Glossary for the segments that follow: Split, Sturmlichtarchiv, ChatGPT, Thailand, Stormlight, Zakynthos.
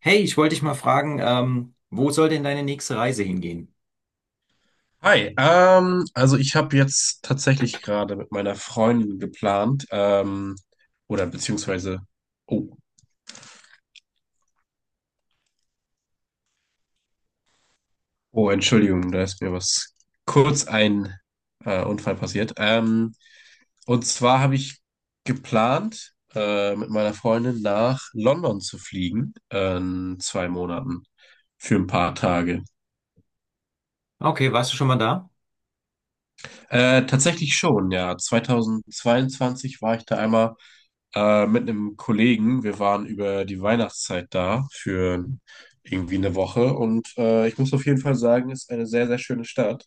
Hey, ich wollte dich mal fragen, wo soll denn deine nächste Reise hingehen? Hi, also ich habe jetzt tatsächlich gerade mit meiner Freundin geplant, oder beziehungsweise, oh, oh, Entschuldigung, da ist mir was kurz ein Unfall passiert. Und zwar habe ich geplant, mit meiner Freundin nach London zu fliegen, in 2 Monaten für ein paar Tage. Okay, warst du schon mal da? Tatsächlich schon, ja. 2022 war ich da einmal mit einem Kollegen. Wir waren über die Weihnachtszeit da für irgendwie eine Woche und ich muss auf jeden Fall sagen, ist eine sehr, sehr schöne Stadt.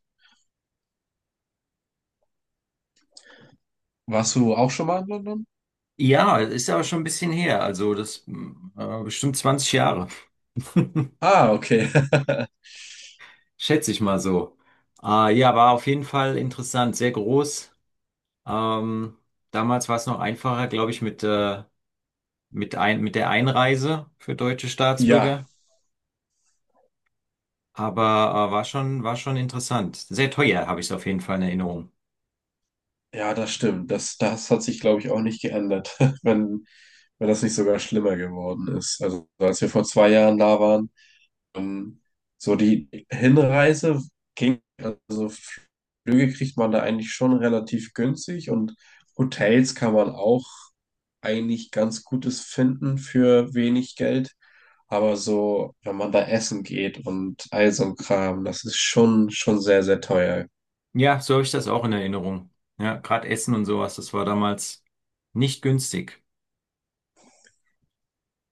Warst du auch schon mal in London? Ja, ist aber schon ein bisschen her, also bestimmt 20 Jahre. Ah, okay. Schätze ich mal so. Ja, war auf jeden Fall interessant, sehr groß. Ähm, Damals war es noch einfacher, glaube ich, mit der Einreise für deutsche Ja, Staatsbürger. Aber war schon interessant. Sehr teuer, habe ich es auf jeden Fall in Erinnerung. ja, das stimmt. Das hat sich, glaube ich, auch nicht geändert, wenn, wenn das nicht sogar schlimmer geworden ist. Also als wir vor 2 Jahren da waren, Ähm, so die Hinreise ging, also Flüge kriegt man da eigentlich schon relativ günstig und Hotels kann man auch eigentlich ganz Gutes finden für wenig Geld. Aber so, wenn man da essen geht und all so ein Kram, das ist schon, schon sehr, sehr teuer. Ja, so habe ich das auch in Erinnerung. Ja, gerade Essen und sowas, das war damals nicht günstig.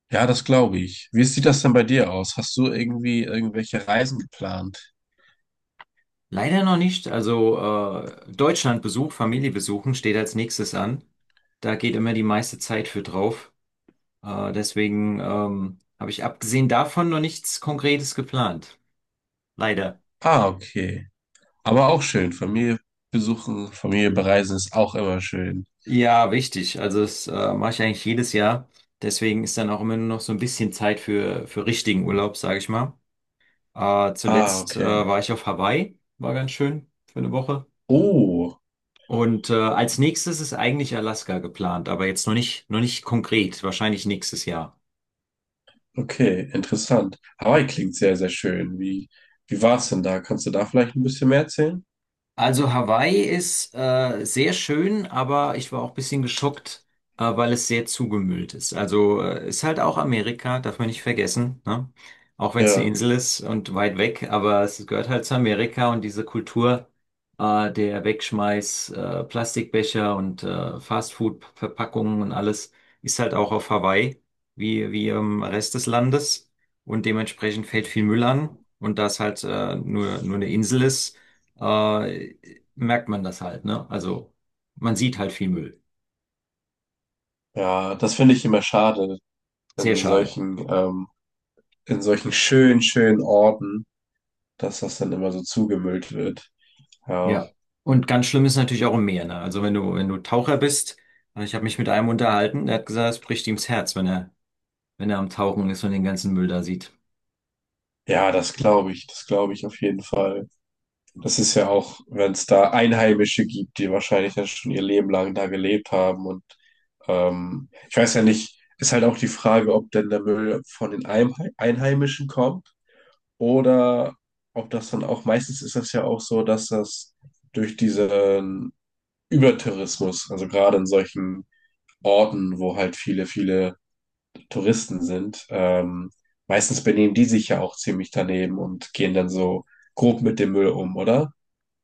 Ja, das glaube ich. Wie sieht das denn bei dir aus? Hast du irgendwie irgendwelche Reisen geplant? Leider noch nicht. Also Deutschlandbesuch, Familie besuchen steht als nächstes an. Da geht immer die meiste Zeit für drauf. Deswegen habe ich abgesehen davon noch nichts Konkretes geplant. Leider. Ah, okay. Aber auch schön. Familie besuchen, Familie bereisen ist auch immer schön. Ja, wichtig. Also das mache ich eigentlich jedes Jahr. Deswegen ist dann auch immer nur noch so ein bisschen Zeit für richtigen Urlaub, sage ich mal. Äh, Ah, zuletzt äh, okay. war ich auf Hawaii. War ganz schön für eine Woche. Oh, Und als nächstes ist eigentlich Alaska geplant, aber jetzt noch nicht konkret, wahrscheinlich nächstes Jahr. okay, interessant. Hawaii klingt sehr, sehr schön. Wie war es denn da? Kannst du da vielleicht ein bisschen mehr erzählen? Also Hawaii ist sehr schön, aber ich war auch ein bisschen geschockt, weil es sehr zugemüllt ist. Also ist halt auch Amerika, darf man nicht vergessen, ne? Auch wenn es eine Ja, Insel ist und weit weg, aber es gehört halt zu Amerika und diese Kultur der Wegschmeiß, Plastikbecher und Fastfood-Verpackungen und alles ist halt auch auf Hawaii, wie im Rest des Landes. Und dementsprechend fällt viel Müll an. Und da es halt nur eine Insel ist, äh, merkt man das halt, ne? Also man sieht halt viel Müll. ja, das finde ich immer schade Sehr in schade. solchen, ähm, in solchen schönen, schönen Orten, dass das dann immer so zugemüllt wird. Ja, Ja. Und ganz schlimm ist natürlich auch im Meer, ne? Also wenn du Taucher bist, ich habe mich mit einem unterhalten, der hat gesagt, es bricht ihm das Herz, wenn er am Tauchen ist und den ganzen Müll da sieht. ja, das glaube ich auf jeden Fall. Das ist ja auch, wenn es da Einheimische gibt, die wahrscheinlich dann schon ihr Leben lang da gelebt haben. Und ich weiß ja nicht, ist halt auch die Frage, ob denn der Müll von den Einheimischen kommt oder ob das dann auch, meistens ist das ja auch so, dass das durch diesen Übertourismus, also gerade in solchen Orten, wo halt viele, viele Touristen sind, meistens benehmen die sich ja auch ziemlich daneben und gehen dann so grob mit dem Müll um, oder?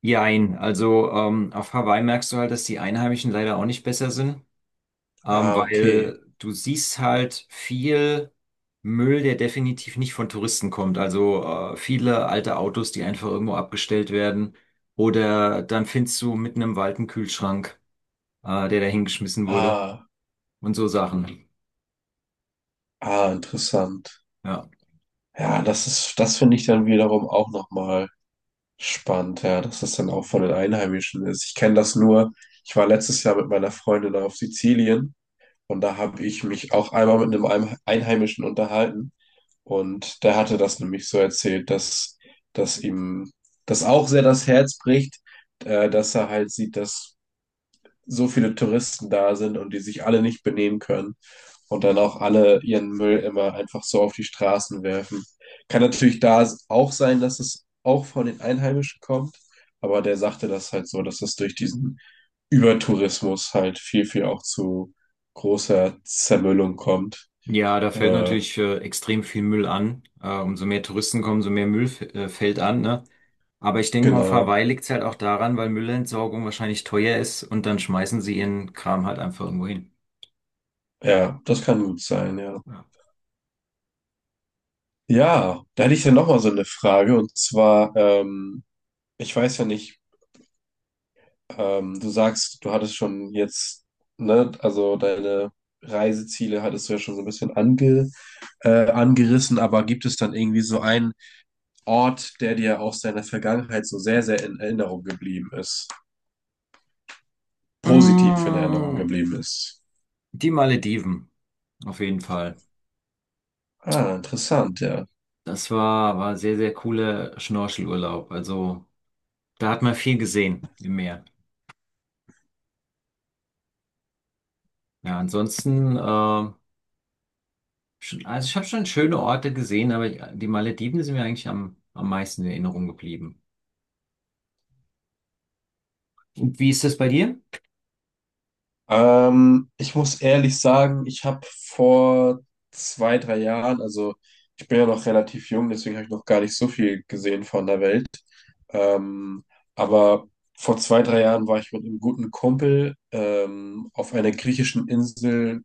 Jein, also auf Hawaii merkst du halt, dass die Einheimischen leider auch nicht besser sind. Ah, okay. Weil du siehst halt viel Müll, der definitiv nicht von Touristen kommt. Also viele alte Autos, die einfach irgendwo abgestellt werden. Oder dann findest du mitten im Wald einen Kühlschrank, der da hingeschmissen wurde Ah, und so Sachen. ah, interessant. Ja. Ja, das finde ich dann wiederum auch nochmal spannend, ja, dass das dann auch von den Einheimischen ist. Ich kenne das nur, ich war letztes Jahr mit meiner Freundin auf Sizilien und da habe ich mich auch einmal mit einem Einheimischen unterhalten und der hatte das nämlich so erzählt, dass ihm das auch sehr das Herz bricht, dass er halt sieht, dass so viele Touristen da sind und die sich alle nicht benehmen können. Und dann auch alle ihren Müll immer einfach so auf die Straßen werfen. Kann natürlich da auch sein, dass es auch von den Einheimischen kommt, aber der sagte das halt so, dass das durch diesen Übertourismus halt viel, viel auch zu großer Zermüllung kommt. Ja, da fällt Äh, natürlich extrem viel Müll an. Umso mehr Touristen kommen, umso mehr Müll fällt an, ne? Aber ich denke mal, auf genau. Hawaii liegt es halt auch daran, weil Müllentsorgung wahrscheinlich teuer ist und dann schmeißen sie ihren Kram halt einfach irgendwo hin. Ja, das kann gut sein, ja. Ja. Ja, da hätte ich ja nochmal so eine Frage und zwar, ich weiß ja nicht. Du sagst, du hattest schon jetzt, ne, also deine Reiseziele hattest du ja schon so ein bisschen angerissen, aber gibt es dann irgendwie so einen Ort, der dir aus deiner Vergangenheit so sehr, sehr in Erinnerung geblieben ist? Positiv in Erinnerung Mm, geblieben ist? Die Malediven, auf jeden Fall. Ah, interessant, ja. Das war sehr, sehr cooler Schnorchelurlaub. Also da hat man viel gesehen im Meer. Ja, schon, also ich habe schon schöne Orte gesehen, aber die Malediven sind mir eigentlich am meisten in Erinnerung geblieben. Und wie ist das bei dir? Ich muss ehrlich sagen, ich habe vor 2, 3 Jahren, also ich bin ja noch relativ jung, deswegen habe ich noch gar nicht so viel gesehen von der Welt. Ähm, aber vor 2, 3 Jahren war ich mit einem guten Kumpel auf einer griechischen Insel,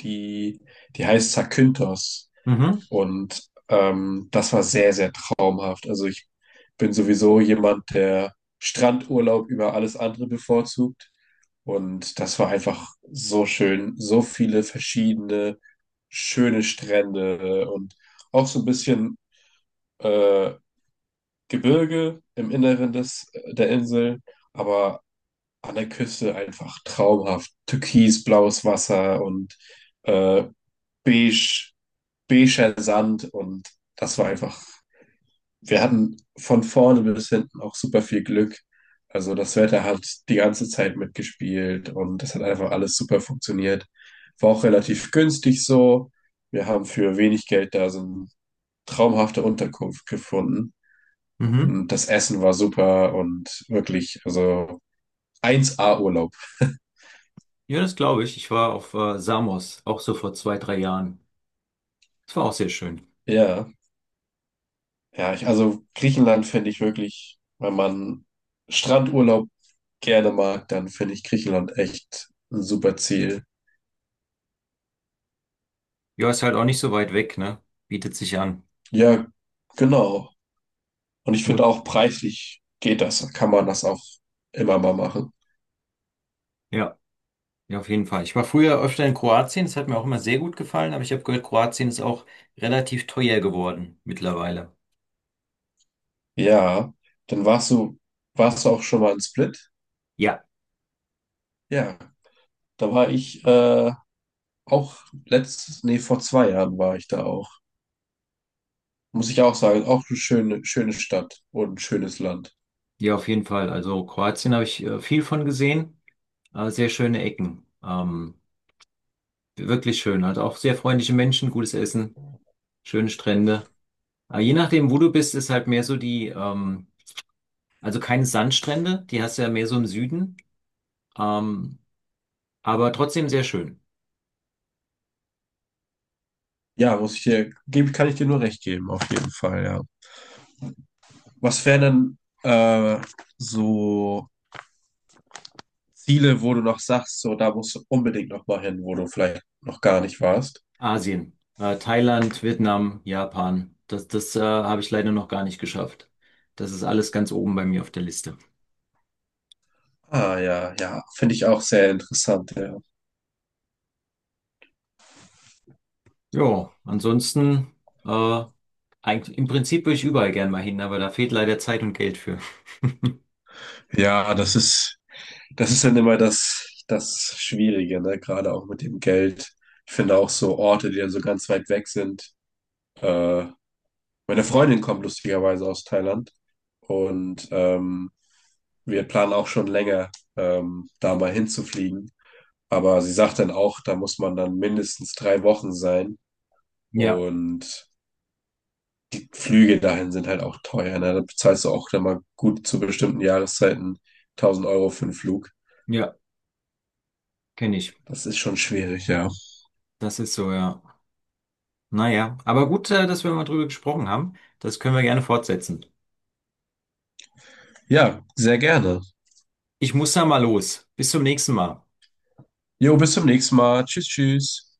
die, die heißt Zakynthos. Mhm, Und das war sehr, sehr traumhaft. Also ich bin sowieso jemand, der Strandurlaub über alles andere bevorzugt. Und das war einfach so schön, so viele verschiedene schöne Strände und auch so ein bisschen äh, Gebirge im Inneren des, der Insel, aber an der Küste einfach traumhaft. Türkisblaues Wasser und äh, beige, beiger Sand und das war einfach, wir hatten von vorne bis hinten auch super viel Glück. Also das Wetter hat die ganze Zeit mitgespielt und das hat einfach alles super funktioniert. War auch relativ günstig so. Wir haben für wenig Geld da so eine traumhafte Unterkunft gefunden mhm. und das Essen war super und wirklich, also 1A Urlaub. Ja, das glaube ich. Ich war auf Samos, auch so vor zwei, drei Jahren. Das war auch sehr schön. Ja. Ja, ich, also Griechenland finde ich wirklich, wenn man Strandurlaub gerne mag, dann finde ich Griechenland echt ein super Ziel. Ja, ist halt auch nicht so weit weg, ne? Bietet sich an. Ja, genau. Und ich finde Mu- auch preislich geht das, kann man das auch immer mal machen. Ja. Ja, auf jeden Fall. Ich war früher öfter in Kroatien, das hat mir auch immer sehr gut gefallen, aber ich habe gehört, Kroatien ist auch relativ teuer geworden mittlerweile. Ja, dann warst du, warst du auch schon mal in Split? Ja. Ja, da war ich auch nee, vor 2 Jahren war ich da auch. Muss ich auch sagen, auch eine schöne, schöne Stadt und ein schönes Land. Ja, auf jeden Fall. Also Kroatien habe ich viel von gesehen, sehr schöne Ecken. Wirklich schön, hat auch sehr freundliche Menschen, gutes Essen, schöne Strände. Je nachdem, wo du bist, ist halt mehr so also keine Sandstrände, die hast du ja mehr so im Süden, ähm, aber trotzdem sehr schön. Ja, muss ich dir, gebe, kann ich dir nur recht geben, auf jeden Fall, ja. Was wären denn so Ziele, wo du noch sagst, so da musst du unbedingt noch mal hin, wo du vielleicht noch gar nicht warst? Asien, Thailand, Vietnam, Japan. Das habe ich leider noch gar nicht geschafft. Das ist alles ganz oben bei mir auf der Liste. Ah ja, ja, finde ich auch sehr interessant, ja. Ja, äh, im Prinzip würde ich überall gern mal hin, aber da fehlt leider Zeit und Geld für. Ja, das ist dann immer das Schwierige, ne? Gerade auch mit dem Geld. Ich finde auch so Orte, die dann so ganz weit weg sind. Äh, Meine Freundin kommt lustigerweise aus Thailand und wir planen auch schon länger, da mal hinzufliegen. Aber sie sagt dann auch, da muss man dann mindestens 3 Wochen sein. Ja, Und die Flüge dahin sind halt auch teuer. Ne? Da bezahlst du auch dann mal gut zu bestimmten Jahreszeiten 1000 Euro für einen Flug. ja, kenne ich. Das ist schon schwierig, ja. Das ist so, ja. Naja, aber gut, dass wir mal drüber gesprochen haben. Das können wir gerne fortsetzen. Ja, sehr gerne. Ich muss da mal los. Bis zum nächsten Mal. Jo, bis zum nächsten Mal. Tschüss, tschüss.